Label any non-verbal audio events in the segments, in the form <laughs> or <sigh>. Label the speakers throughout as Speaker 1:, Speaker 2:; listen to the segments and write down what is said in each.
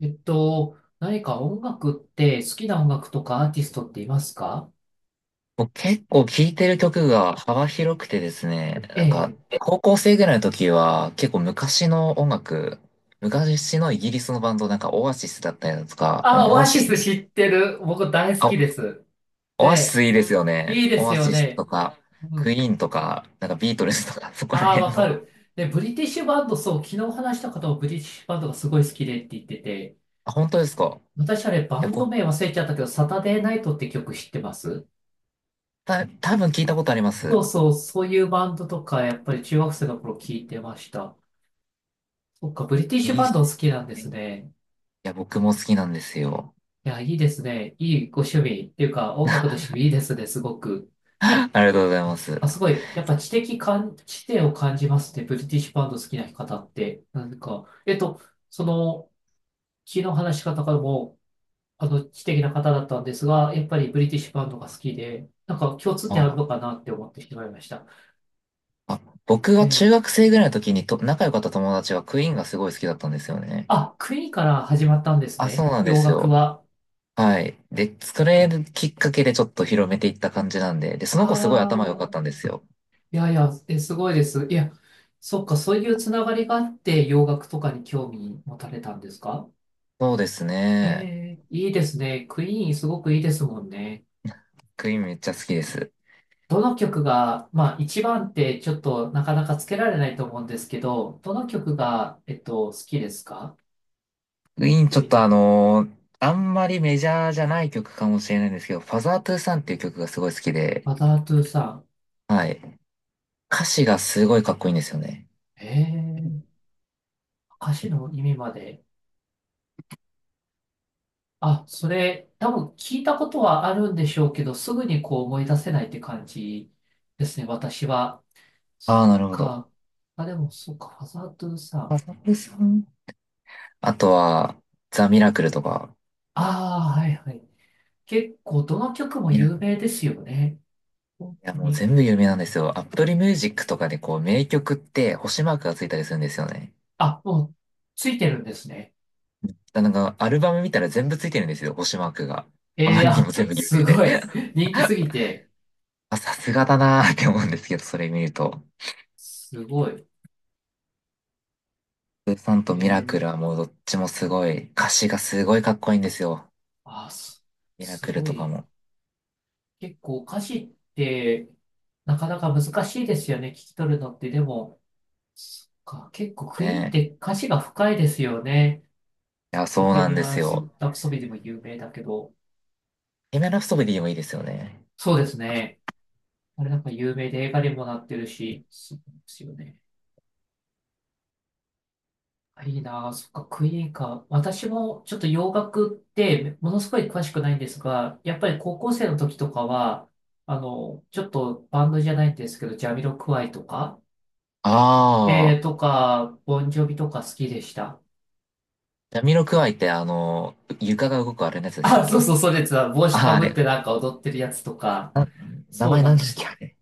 Speaker 1: 何か音楽って好きな音楽とかアーティストっていますか？
Speaker 2: もう結構聴いてる曲が幅広くてですね、
Speaker 1: え
Speaker 2: なんか、
Speaker 1: え。
Speaker 2: 高校生ぐらいの時は結構昔の音楽、昔のイギリスのバンド、なんかオアシスだったりだとか、まあ
Speaker 1: あ、オ
Speaker 2: オ
Speaker 1: ア
Speaker 2: アシ
Speaker 1: シ
Speaker 2: ス、
Speaker 1: ス知ってる。僕大好きで
Speaker 2: あ、
Speaker 1: す。
Speaker 2: オアシス
Speaker 1: で、
Speaker 2: いいですよね。
Speaker 1: いいで
Speaker 2: オ
Speaker 1: す
Speaker 2: ア
Speaker 1: よ
Speaker 2: シスと
Speaker 1: ね。
Speaker 2: か、
Speaker 1: う
Speaker 2: クイ
Speaker 1: ん。
Speaker 2: ーンとか、なんかビートルズとか、<laughs> そこら
Speaker 1: ああ、
Speaker 2: 辺
Speaker 1: わか
Speaker 2: の。あ、
Speaker 1: る。で、ブリティッシュバンド、そう、昨日話した方もブリティッシュバンドがすごい好きでって言ってて、
Speaker 2: 本当ですか？
Speaker 1: 私あれ
Speaker 2: い
Speaker 1: バ
Speaker 2: や、
Speaker 1: ンド
Speaker 2: 僕、
Speaker 1: 名忘れちゃったけど、サタデーナイトって曲知ってます？
Speaker 2: 多分聞いたことありま
Speaker 1: そ
Speaker 2: す。
Speaker 1: うそう、そういうバンドとか、やっぱり中学生の頃聞いてました。そっか、ブリティッシュ
Speaker 2: いいっ
Speaker 1: バンド
Speaker 2: す
Speaker 1: お好きなんで
Speaker 2: ね。
Speaker 1: す
Speaker 2: い
Speaker 1: ね。
Speaker 2: や、僕も好きなんですよ。
Speaker 1: いや、いいですね。いいご趣味っていうか、音楽の趣味いいですね、すごく。
Speaker 2: <laughs> ありがとうございます。
Speaker 1: あ、すごい。やっぱ知的感、知性を感じますね。ブリティッシュバンド好きな方って。その、昨日話し方からも、あの、知的な方だったんですが、やっぱりブリティッシュバンドが好きで、なんか共通点あるの
Speaker 2: あ
Speaker 1: かなって思ってしまいました。
Speaker 2: あ、僕
Speaker 1: え
Speaker 2: が中
Speaker 1: ー、
Speaker 2: 学生ぐらいの時にと仲良かった友達がクイーンがすごい好きだったんですよね。
Speaker 1: あ、クイーンから始まったんです
Speaker 2: あ、そう
Speaker 1: ね。
Speaker 2: なんで
Speaker 1: 洋
Speaker 2: す
Speaker 1: 楽
Speaker 2: よ。
Speaker 1: は。
Speaker 2: はい。で、それきっかけでちょっと広めていった感じなんで、で、その子すごい
Speaker 1: ああ、
Speaker 2: 頭良かったんですよ。
Speaker 1: いやいや、え、すごいです。いや、そっか、そういうつながりがあって洋楽とかに興味持たれたんですか？
Speaker 2: そうですね。
Speaker 1: えー、いいですね。クイーンすごくいいですもんね。
Speaker 2: クイーンめっちゃ好きです。
Speaker 1: どの曲が、まあ一番ってちょっとなかなかつけられないと思うんですけど、どの曲が、好きですか？
Speaker 2: クイーンち
Speaker 1: ク
Speaker 2: ょっ
Speaker 1: イ
Speaker 2: と
Speaker 1: ーン。
Speaker 2: あんまりメジャーじゃない曲かもしれないんですけど、ファザートゥーサンっていう曲がすごい好きで、
Speaker 1: バタートゥーさ
Speaker 2: はい。歌詞がすごいかっこいいんですよね。
Speaker 1: ん。えー、歌詞の意味まで。あ、それ、多分聞いたことはあるんでしょうけど、すぐにこう思い出せないって感じですね、私は。そっ
Speaker 2: ああ、なるほど。
Speaker 1: か。あ、でも、そっか、ハザード
Speaker 2: フ
Speaker 1: さ。
Speaker 2: ァザートゥーサン。あとは、ザ・ミラクルとか、
Speaker 1: ああ、はいはい。結構、どの曲も有名ですよね。本
Speaker 2: いや、
Speaker 1: 当
Speaker 2: もう
Speaker 1: に。
Speaker 2: 全部有名なんですよ。アップルミュージックとかでこう名曲って星マークがついたりするんですよね。
Speaker 1: あ、もう、ついてるんですね。
Speaker 2: だなんかアルバム見たら全部ついてるんですよ、星マークが。あ
Speaker 1: え
Speaker 2: ま
Speaker 1: えー、
Speaker 2: りにも
Speaker 1: あ、
Speaker 2: 全部有
Speaker 1: す
Speaker 2: 名で。
Speaker 1: ごい。
Speaker 2: <laughs>
Speaker 1: 人気すぎて、
Speaker 2: あ、さすがだなーって思うんですけど、それ見ると。
Speaker 1: すごい。
Speaker 2: スーさん
Speaker 1: え
Speaker 2: とミ
Speaker 1: え
Speaker 2: ラクルは
Speaker 1: ー、
Speaker 2: もうどっちもすごい、歌詞がすごいかっこいいんですよ。
Speaker 1: あ、す、
Speaker 2: ミラ
Speaker 1: す
Speaker 2: クル
Speaker 1: ご
Speaker 2: とか
Speaker 1: い。
Speaker 2: も。
Speaker 1: 結構、歌詞って、なかなか難しいですよね。聞き取るのって。でも、そっか、結構、クイーンって
Speaker 2: ね
Speaker 1: 歌詞が深いですよね。
Speaker 2: え。いや、
Speaker 1: ボ
Speaker 2: そう
Speaker 1: ヘ
Speaker 2: なん
Speaker 1: ミ
Speaker 2: で
Speaker 1: ア
Speaker 2: す
Speaker 1: ン・
Speaker 2: よ。
Speaker 1: ラプソディでも有名だけど。
Speaker 2: エメラストビディもいいですよね。
Speaker 1: そうですね。あれなんか有名で映画にもなってるし、そうですよね。あいいなあ、そっか、クイーンか。私もちょっと洋楽ってものすごい詳しくないんですが、やっぱり高校生の時とかは、あの、ちょっとバンドじゃないんですけど、ジャミロクワイとか、
Speaker 2: あ
Speaker 1: え
Speaker 2: あ、
Speaker 1: ー、とか、ボンジョビとか好きでした。
Speaker 2: ジャミロクワイってあの、床が動くあれのやつ
Speaker 1: <laughs>
Speaker 2: ですっ
Speaker 1: あ、そう
Speaker 2: け？
Speaker 1: そう、そうです。帽
Speaker 2: あ
Speaker 1: 子
Speaker 2: あー、
Speaker 1: か
Speaker 2: あ
Speaker 1: ぶっ
Speaker 2: れ。
Speaker 1: てなんか踊ってるやつとか、
Speaker 2: 名
Speaker 1: そう
Speaker 2: 前
Speaker 1: な
Speaker 2: な
Speaker 1: ん
Speaker 2: ん
Speaker 1: で
Speaker 2: ですっ
Speaker 1: す
Speaker 2: け、
Speaker 1: よ。
Speaker 2: あれ？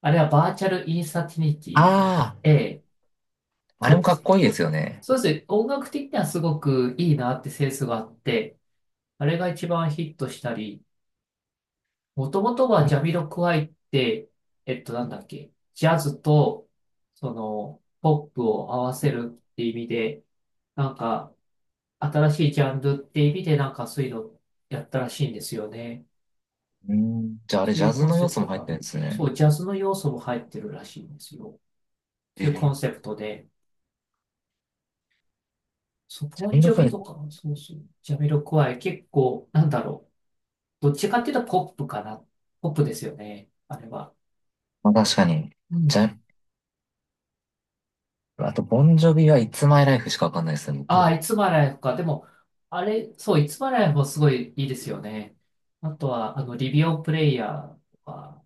Speaker 1: あれはバーチャルインサティニティ。
Speaker 2: あ
Speaker 1: ええ。
Speaker 2: あ、あれ
Speaker 1: そ
Speaker 2: もかっ
Speaker 1: う、
Speaker 2: こいいですよね。
Speaker 1: そうですね。音楽的にはすごくいいなってセンスがあって、あれが一番ヒットしたり、もともと
Speaker 2: ジャ
Speaker 1: は
Speaker 2: ミ
Speaker 1: ジャ
Speaker 2: ロ
Speaker 1: ミロクワイって、なんだっけ、ジャズと、その、ポップを合わせるって意味で、なんか、新しいジャンルって意味で、なんかそういうのやったらしいんですよね。
Speaker 2: うーん、じゃああ
Speaker 1: そ
Speaker 2: れ
Speaker 1: う
Speaker 2: ジ
Speaker 1: い
Speaker 2: ャ
Speaker 1: う
Speaker 2: ズ
Speaker 1: コン
Speaker 2: の
Speaker 1: セ
Speaker 2: 要
Speaker 1: プ
Speaker 2: 素も
Speaker 1: ト
Speaker 2: 入っ
Speaker 1: が、
Speaker 2: てるんです
Speaker 1: そ
Speaker 2: ね。
Speaker 1: う、ジャズの要素も入ってるらしいんですよ。
Speaker 2: え
Speaker 1: というコ
Speaker 2: ー、
Speaker 1: ンセプトで、そう、
Speaker 2: ジャ
Speaker 1: ボン
Speaker 2: ミ
Speaker 1: ジ
Speaker 2: ロ
Speaker 1: ョ
Speaker 2: ク
Speaker 1: ビ
Speaker 2: エ。
Speaker 1: とか、そうそう、ジャミロクワイ結構、なんだろう。どっちかっていうとポップかな。ポップですよね。あれは。
Speaker 2: まあ、確かに。
Speaker 1: う
Speaker 2: ジャ、
Speaker 1: ん。
Speaker 2: あと、ボンジョビはいつ y l ライフしかわかんないですね、
Speaker 1: ああ、
Speaker 2: 僕。
Speaker 1: いつまライフか。でも、あれ、そう、いつまライフもすごいいいですよね。あとは、あの、リビオプレイヤーとか、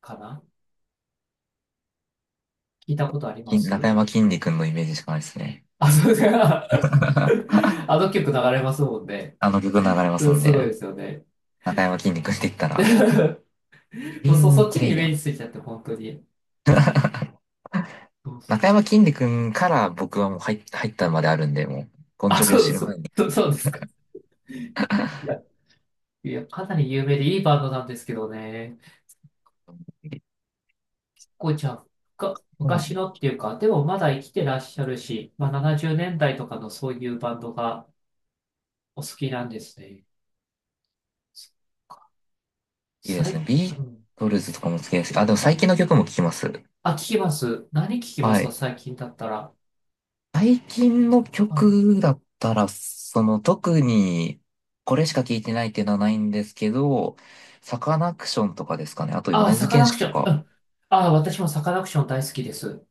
Speaker 1: かな、聞いたことありま
Speaker 2: 中
Speaker 1: す？
Speaker 2: 山きんに君のイメージしかないですね。
Speaker 1: あ、そうですか。<laughs>
Speaker 2: <laughs> あ
Speaker 1: あの曲流れますもんね。
Speaker 2: の曲流れま
Speaker 1: う
Speaker 2: す
Speaker 1: ん、
Speaker 2: もん
Speaker 1: すごいで
Speaker 2: ね。
Speaker 1: すよね。
Speaker 2: 中山きんに君って言ったら、イ
Speaker 1: <laughs>
Speaker 2: ビ
Speaker 1: もうそ、
Speaker 2: ン
Speaker 1: そ
Speaker 2: グ
Speaker 1: っち
Speaker 2: プレ
Speaker 1: にイ
Speaker 2: イ
Speaker 1: メ
Speaker 2: ヤ
Speaker 1: ー
Speaker 2: ー。
Speaker 1: ジついちゃって、本当に。そうそ
Speaker 2: 中
Speaker 1: う、
Speaker 2: 山きんに君から僕はもう入ったまであるんで、もう、ボン
Speaker 1: あ、
Speaker 2: ジョビを
Speaker 1: そ
Speaker 2: 知
Speaker 1: う、
Speaker 2: る
Speaker 1: そ
Speaker 2: 前に。
Speaker 1: う、そうですか。いや、いや、かなり有名でいいバンドなんですけどね。構じゃあ、が昔のっていうか、でもまだ生きてらっしゃるし、まあ、70年代とかのそういうバンドがお好きなんですね。
Speaker 2: いいで
Speaker 1: さ
Speaker 2: す
Speaker 1: い、
Speaker 2: ね。ビ
Speaker 1: う
Speaker 2: ー
Speaker 1: ん。
Speaker 2: トルズとかも好きですし。あ、でも最近の曲も聴きます。
Speaker 1: あ、聞きます。何聞きま
Speaker 2: は
Speaker 1: すか、
Speaker 2: い。
Speaker 1: 最近だったら。
Speaker 2: 最近の
Speaker 1: うん、
Speaker 2: 曲だったら、その特にこれしか聴いてないっていうのはないんですけど、サカナクションとかですかね。あと
Speaker 1: あ、
Speaker 2: 米津
Speaker 1: サカ
Speaker 2: 玄
Speaker 1: ナク
Speaker 2: 師
Speaker 1: シ
Speaker 2: と
Speaker 1: ョン。う
Speaker 2: か。
Speaker 1: ん。あ、私もサカナクション大好きです。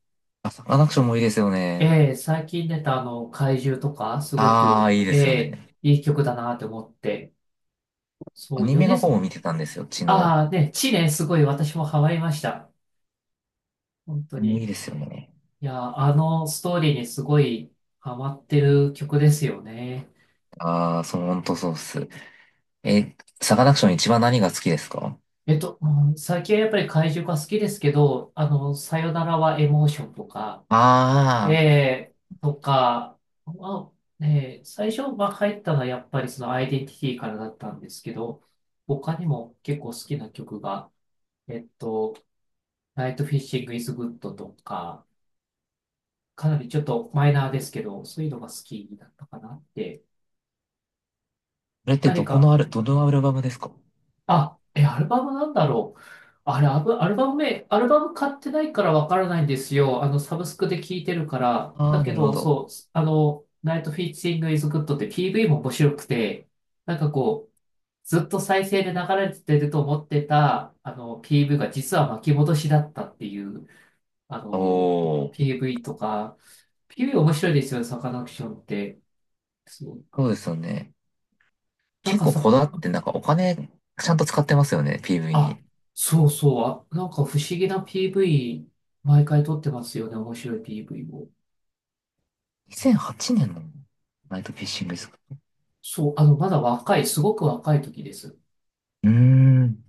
Speaker 2: あ、サカナクションもいいですよね。
Speaker 1: ええ、最近出たあの、怪獣とか、すご
Speaker 2: ああ、
Speaker 1: く、
Speaker 2: いいで
Speaker 1: え
Speaker 2: すよ
Speaker 1: え、
Speaker 2: ね。
Speaker 1: いい曲だなって思って。そ
Speaker 2: ア
Speaker 1: う、
Speaker 2: ニメ
Speaker 1: 米
Speaker 2: の
Speaker 1: 津
Speaker 2: 方も見
Speaker 1: も。
Speaker 2: てたんですよ、血の。
Speaker 1: ああ、ね、地ね、すごい私もハマりました。本当
Speaker 2: もう
Speaker 1: に。
Speaker 2: いいですよね。
Speaker 1: いや、あのストーリーにすごいハマってる曲ですよね。
Speaker 2: ああ、そう、ほんとそうっす。え、サカナクション一番何が好きですか？
Speaker 1: うん、最近はやっぱり怪獣が好きですけど、あの、さよならはエモーションとか、
Speaker 2: ああー、
Speaker 1: えー、とか、まあ、えー最初、まあ、入ったのはやっぱりそのアイデンティティからだったんですけど、他にも結構好きな曲が、えっと、ナイトフィッシングイズグッドとか、かなりちょっとマイナーですけど、そういうのが好きだったかなって。
Speaker 2: それって
Speaker 1: 何
Speaker 2: どこの
Speaker 1: か、
Speaker 2: ある、どのアルバムですか？
Speaker 1: あ、え、アルバムなんだろう。あれ、アブアルバム名、アルバム買ってないからわからないんですよ。あの、サブスクで聴いてるから。
Speaker 2: あ
Speaker 1: だ
Speaker 2: あー、
Speaker 1: け
Speaker 2: なるほ
Speaker 1: ど、
Speaker 2: ど。
Speaker 1: そう、あの、ナイトフィーチングイズグッドって PV も面白くて、なんかこう、ずっと再生で流れてると思ってた、あの、PV が実は巻き戻しだったっていう、あ
Speaker 2: お
Speaker 1: の、
Speaker 2: ー、
Speaker 1: PV とか、PV 面白いですよね、サカナクションって。そう。
Speaker 2: そうですよね。
Speaker 1: なん
Speaker 2: 結
Speaker 1: か
Speaker 2: 構こ
Speaker 1: さ、
Speaker 2: だわってなんかお金ちゃんと使ってますよね、PV
Speaker 1: あ、
Speaker 2: に。
Speaker 1: そうそう。あ、なんか不思議な PV、毎回撮ってますよね。面白い PV を。
Speaker 2: 2008年のナイトフィッシングですか？
Speaker 1: そう、あの、まだ若い、すごく若い時です。
Speaker 2: うーん。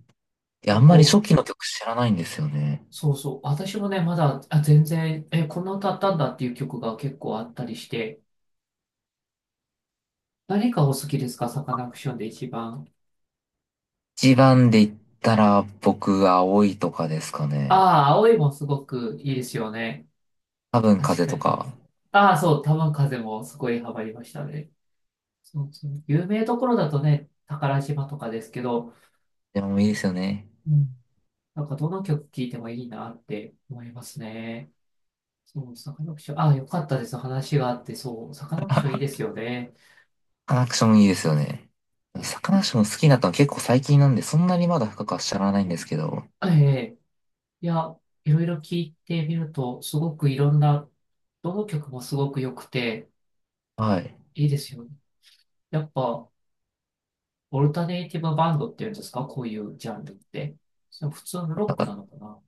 Speaker 2: いや、あ
Speaker 1: で、
Speaker 2: んま
Speaker 1: こ
Speaker 2: り
Speaker 1: う、
Speaker 2: 初期の曲知らないんですよね。
Speaker 1: そうそう。私もね、まだ、あ、全然、え、こんな歌あったんだっていう曲が結構あったりして、何がお好きですか、サカナクションで一番。
Speaker 2: 一番で言ったら僕、青いとかですかね。
Speaker 1: ああ、青いもすごくいいですよね。
Speaker 2: 多分
Speaker 1: 確
Speaker 2: 風
Speaker 1: か
Speaker 2: と
Speaker 1: に。
Speaker 2: か。
Speaker 1: ああ、そう、玉風もすごいハマりましたね。そうそう。有名どころだとね、宝島とかですけど、
Speaker 2: でもいいですよね。
Speaker 1: うん、なんかどの曲聴いてもいいなって思いますね。そう、サカナクション。あ、よかったです。話があって、そう、サカナクションいいですよね。
Speaker 2: サカナクションいいですよね。サカナクション好きになったの結構最近なんで、そんなにまだ深くは知らないんですけど。
Speaker 1: ええ、いや、いろいろ聞いてみると、すごくいろんな、どの曲もすごく良くて、
Speaker 2: はい。
Speaker 1: いいですよね。やっぱ、オルタネイティブバンドっていうんですか、こういうジャンルって。その普通のロ
Speaker 2: な
Speaker 1: ッ
Speaker 2: ん
Speaker 1: ク
Speaker 2: か、
Speaker 1: なのかな。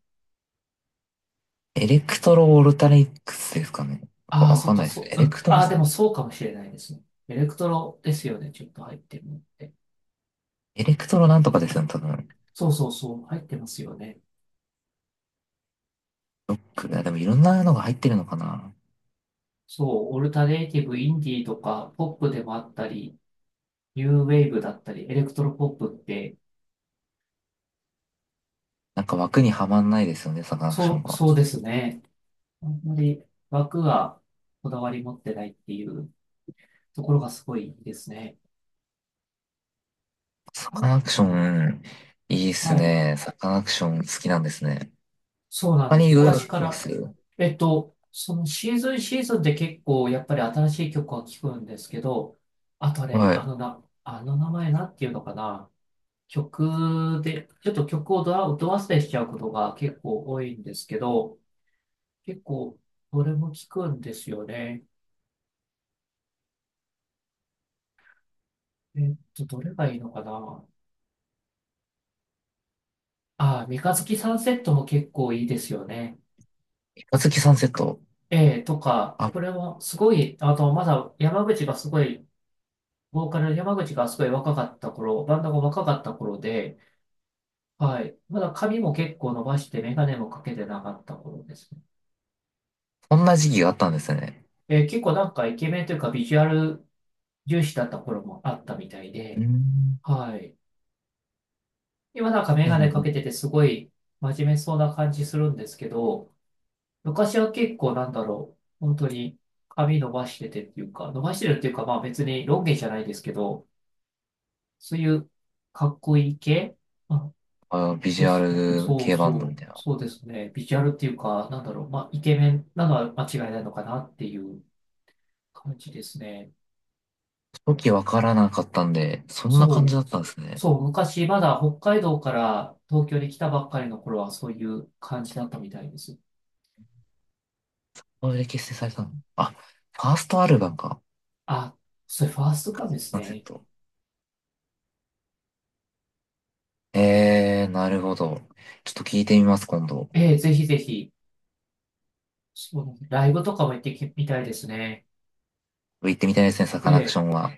Speaker 2: エレクトロオルタリックスですかね。わ
Speaker 1: ああ、
Speaker 2: わ
Speaker 1: そ
Speaker 2: か
Speaker 1: っ
Speaker 2: んな
Speaker 1: か、
Speaker 2: いです。
Speaker 1: そう、うん。ああ、でもそうかもしれないですね。エレクトロですよね。ちょっと入ってるのって。
Speaker 2: エレクトロなんとかですよね、多分。
Speaker 1: そうそうそう、入ってますよね。
Speaker 2: ロック、いやでもいろんなのが入ってるのかな。
Speaker 1: そう、オルタネイティブ、インディーとか、ポップでもあったり、ニューウェーブだったり、エレクトロポップって、
Speaker 2: なんか枠にはまんないですよね、サカナクション
Speaker 1: そう、
Speaker 2: が。
Speaker 1: そうですね。あんまり枠がこだわり持ってないっていうところがすごいですね。
Speaker 2: サカ
Speaker 1: あ、
Speaker 2: ナクション、いいっす
Speaker 1: はい。
Speaker 2: ね。サカナクション好きなんですね。
Speaker 1: そうなん
Speaker 2: 他
Speaker 1: で
Speaker 2: に
Speaker 1: す。
Speaker 2: いろいろ
Speaker 1: 昔
Speaker 2: の聞
Speaker 1: か
Speaker 2: きま
Speaker 1: ら。
Speaker 2: す？
Speaker 1: そのシーズンシーズンで結構やっぱり新しい曲は聴くんですけど、あとあれ、
Speaker 2: はい。
Speaker 1: あのな、あの名前なんていうのかな。曲で、ちょっと曲をドア、ド忘れしちゃうことが結構多いんですけど、結構どれも聞くんですよね。どれがいいのかな。ああ、三日月サンセットも結構いいですよね。
Speaker 2: 三日月サンセット。
Speaker 1: ええ、とか、これ
Speaker 2: あ、
Speaker 1: はすごい。あと、まだ山口がすごい、ボーカルの山口がすごい若かった頃、バンドが若かった頃で、はい。まだ髪も結構伸ばして、メガネもかけてなかった頃ですね。
Speaker 2: こんな時期があったんですね。
Speaker 1: 結構なんかイケメンというかビジュアル重視だった頃もあったみたい
Speaker 2: うー
Speaker 1: で、
Speaker 2: ん。
Speaker 1: はい。今なんかメ
Speaker 2: え、う
Speaker 1: ガネかけ
Speaker 2: ん。
Speaker 1: ててすごい真面目そうな感じするんですけど、昔は結構なんだろう、本当に髪伸ばしててっていうか、伸ばしてるっていうかまあ別にロン毛じゃないですけど、そういうかっこいい系あ
Speaker 2: あ、ビジ
Speaker 1: で
Speaker 2: ュア
Speaker 1: した。
Speaker 2: ル
Speaker 1: そう
Speaker 2: 系バンド
Speaker 1: そ
Speaker 2: みた
Speaker 1: う、
Speaker 2: いな。
Speaker 1: そうですね。ビジュアルっていうか、なんだろう、まあイケメンなのは間違いないのかなっていう感じですね。
Speaker 2: 時わからなかったんで、そんな感じ
Speaker 1: そ
Speaker 2: だ
Speaker 1: う。
Speaker 2: ったんですね。
Speaker 1: そう、昔まだ北海道から東京に来たばっかりの頃はそういう感じだったみたいです。
Speaker 2: これで結成されたの。あ、ファーストアルバムか。
Speaker 1: あ、それファースト
Speaker 2: 三日
Speaker 1: なん
Speaker 2: 月
Speaker 1: です
Speaker 2: サンセッ
Speaker 1: ね。
Speaker 2: ト。なるほど。ちょっと聞いてみます、今度。
Speaker 1: ええ、ぜひぜひ、そのライブとかも行ってきみたいですね。
Speaker 2: 行ってみたいですね、サカ
Speaker 1: え
Speaker 2: ナクシ
Speaker 1: え、
Speaker 2: ョンは。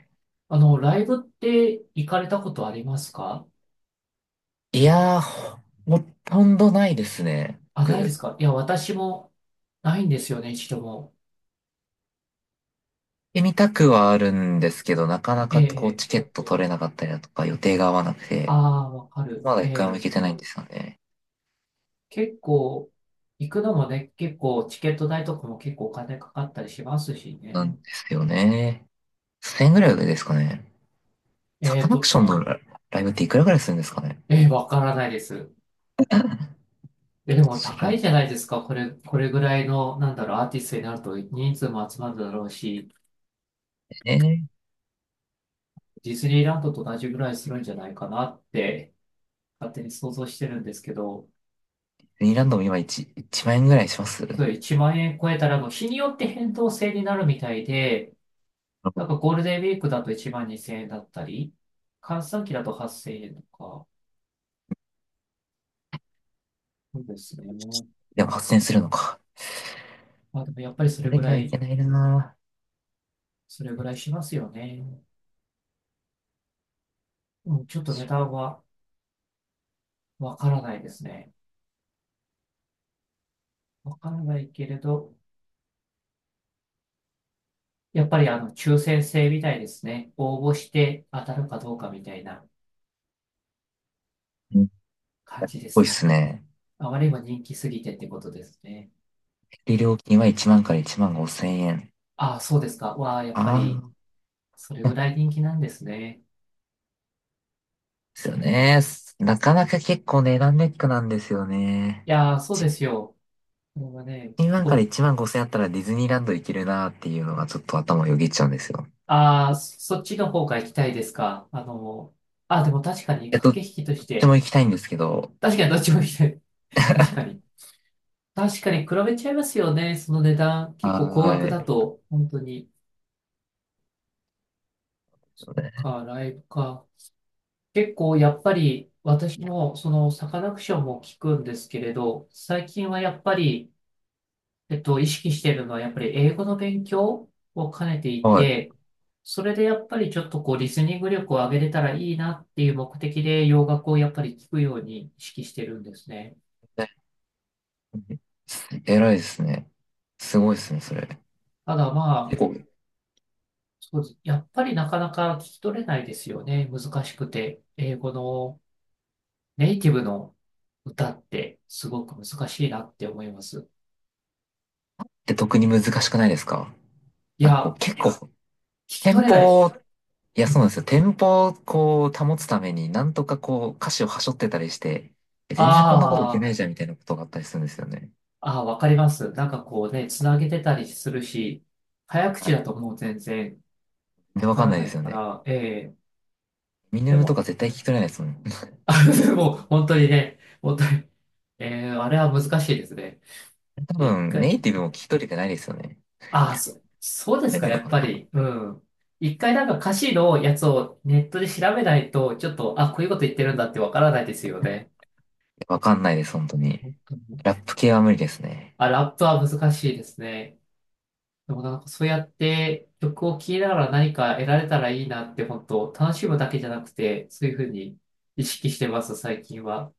Speaker 1: あの、ライブって行かれたことありますか？
Speaker 2: いやー、ほとんどないですね。
Speaker 1: あ、ないで
Speaker 2: 僕、行
Speaker 1: す
Speaker 2: っ
Speaker 1: か。いや、私もないんですよね、一度も。
Speaker 2: てみたくはあるんですけど、なかな
Speaker 1: え
Speaker 2: かこう、
Speaker 1: え、
Speaker 2: チケット取れなかったりだとか、予定が合わなくて、
Speaker 1: ああー、わかる。
Speaker 2: まだ
Speaker 1: え
Speaker 2: 一回も行け
Speaker 1: え、
Speaker 2: てないんですよね。
Speaker 1: 結構、行くのもね、結構チケット代とかも結構お金かかったりしますし
Speaker 2: なん
Speaker 1: ね。
Speaker 2: ですよね。1000円ぐらいですかね。サ
Speaker 1: え
Speaker 2: カ
Speaker 1: っ
Speaker 2: ナク
Speaker 1: と、
Speaker 2: ションのライブっていくらぐらいするんですかね。
Speaker 1: わからないです。え、でも
Speaker 2: 調
Speaker 1: 高
Speaker 2: べ
Speaker 1: いじゃ
Speaker 2: て
Speaker 1: ないですか。これ、これぐらいの、なんだろう、アーティストになると人数も集まるだろうし、
Speaker 2: ね。
Speaker 1: ディズニーランドと同じぐらいするんじゃないかなって、勝手に想像してるんですけど、
Speaker 2: ディズニーランドも今1、万円ぐらいします。で
Speaker 1: それ1万円超えたら、もう日によって変動制になるみたいで、なんかゴールデンウィークだと1万2千円だったり、閑散期だと8千円とか、そうですね。
Speaker 2: も、8 0するのか。
Speaker 1: まあでもやっぱりそ
Speaker 2: あ
Speaker 1: れ
Speaker 2: れ
Speaker 1: ぐ
Speaker 2: に
Speaker 1: ら
Speaker 2: はい
Speaker 1: い、
Speaker 2: けないな
Speaker 1: それぐらいしますよね。うん、ちょっと値段はわからないですね。わからないけれど、やっぱりあの、抽選制みたいですね。応募して当たるかどうかみたいな
Speaker 2: ぁ。うんっ
Speaker 1: 感じで
Speaker 2: ぽいっ
Speaker 1: す
Speaker 2: す
Speaker 1: ね。
Speaker 2: ね。
Speaker 1: あまりにも人気すぎてってことですね。
Speaker 2: で、料金は1万から1万5千円。
Speaker 1: ああ、そうですか。わあ、やっぱり、
Speaker 2: あ
Speaker 1: それ
Speaker 2: あ、
Speaker 1: ぐら
Speaker 2: で
Speaker 1: い人気なんですね。
Speaker 2: すよね。なかなか結構値段ネックなんですよ
Speaker 1: い
Speaker 2: ね。
Speaker 1: やー、そうですよ。これはね、
Speaker 2: 1万から
Speaker 1: お、
Speaker 2: 1万5千円あったらディズニーランド行けるなーっていうのがちょっと頭をよぎっちゃうんですよ。
Speaker 1: ああ、そそっちの方が行きたいですか。あの、あ、でも確かに駆
Speaker 2: ど
Speaker 1: け引
Speaker 2: っ
Speaker 1: きとし
Speaker 2: ちも
Speaker 1: て、
Speaker 2: 行きたいんですけど。
Speaker 1: 確かにどっちも行きたい。<laughs> 確かに。確かに比べちゃいますよね。その値段、結構高
Speaker 2: は
Speaker 1: 額
Speaker 2: ー
Speaker 1: だ
Speaker 2: い。
Speaker 1: と、本当に。か、ライブか。結構やっぱり私もそのサカナクションも聞くんですけれど、最近はやっぱり、意識しているのはやっぱり英語の勉強を兼ねてい
Speaker 2: はい。
Speaker 1: て、それでやっぱりちょっとこうリスニング力を上げれたらいいなっていう目的で洋楽をやっぱり聞くように意識してるんですね。
Speaker 2: 偉いですね。すごいですね、それ。
Speaker 1: ただ
Speaker 2: 結
Speaker 1: まあ、
Speaker 2: 構、
Speaker 1: そうです。やっぱりなかなか聞き取れないですよね。難しくて。英語のネイティブの歌ってすごく難しいなって思います。
Speaker 2: で、特に難しくないですか？
Speaker 1: い
Speaker 2: なんかこう、
Speaker 1: や、聞
Speaker 2: 結構、
Speaker 1: き
Speaker 2: 店
Speaker 1: 取れない。
Speaker 2: 舗いや、
Speaker 1: あ
Speaker 2: そうなんですよ。テンポをこう保つために、なんとかこう歌詞を端折ってたりして、全然こんなこといけないじゃんみたいなことがあったりするんですよね。
Speaker 1: あ、ああ、わかります。なんかこうね、つなげてたりするし、早口だともう全然
Speaker 2: で、
Speaker 1: わ
Speaker 2: わ
Speaker 1: か
Speaker 2: かん
Speaker 1: ら
Speaker 2: ない
Speaker 1: な
Speaker 2: で
Speaker 1: い
Speaker 2: すよ
Speaker 1: か
Speaker 2: ね。
Speaker 1: ら、ええ
Speaker 2: ミネ
Speaker 1: で
Speaker 2: ムとか
Speaker 1: も、
Speaker 2: 絶対聞き
Speaker 1: <laughs>
Speaker 2: 取れないですもん。<laughs>
Speaker 1: あ、でも本当にね、本当に、ええあれは難しいですね。
Speaker 2: 多
Speaker 1: 一
Speaker 2: 分、ネ
Speaker 1: 回、
Speaker 2: イティブも聞き取れてないですよね。
Speaker 1: ああ、そ、そうです
Speaker 2: 取
Speaker 1: か、
Speaker 2: れ
Speaker 1: や
Speaker 2: の
Speaker 1: っ
Speaker 2: か
Speaker 1: ぱ
Speaker 2: な。
Speaker 1: り。うん。一回なんか歌詞のやつをネットで調べないと、ちょっと、あ、こういうこと言ってるんだってわからないですよね。
Speaker 2: わかんないです、本当に。
Speaker 1: うん
Speaker 2: ラップ系は無理ですね。
Speaker 1: あ、ラップは難しいですね。でもなんかそうやって曲を聴きながら何か得られたらいいなって本当楽しむだけじゃなくてそういうふうに意識してます最近は。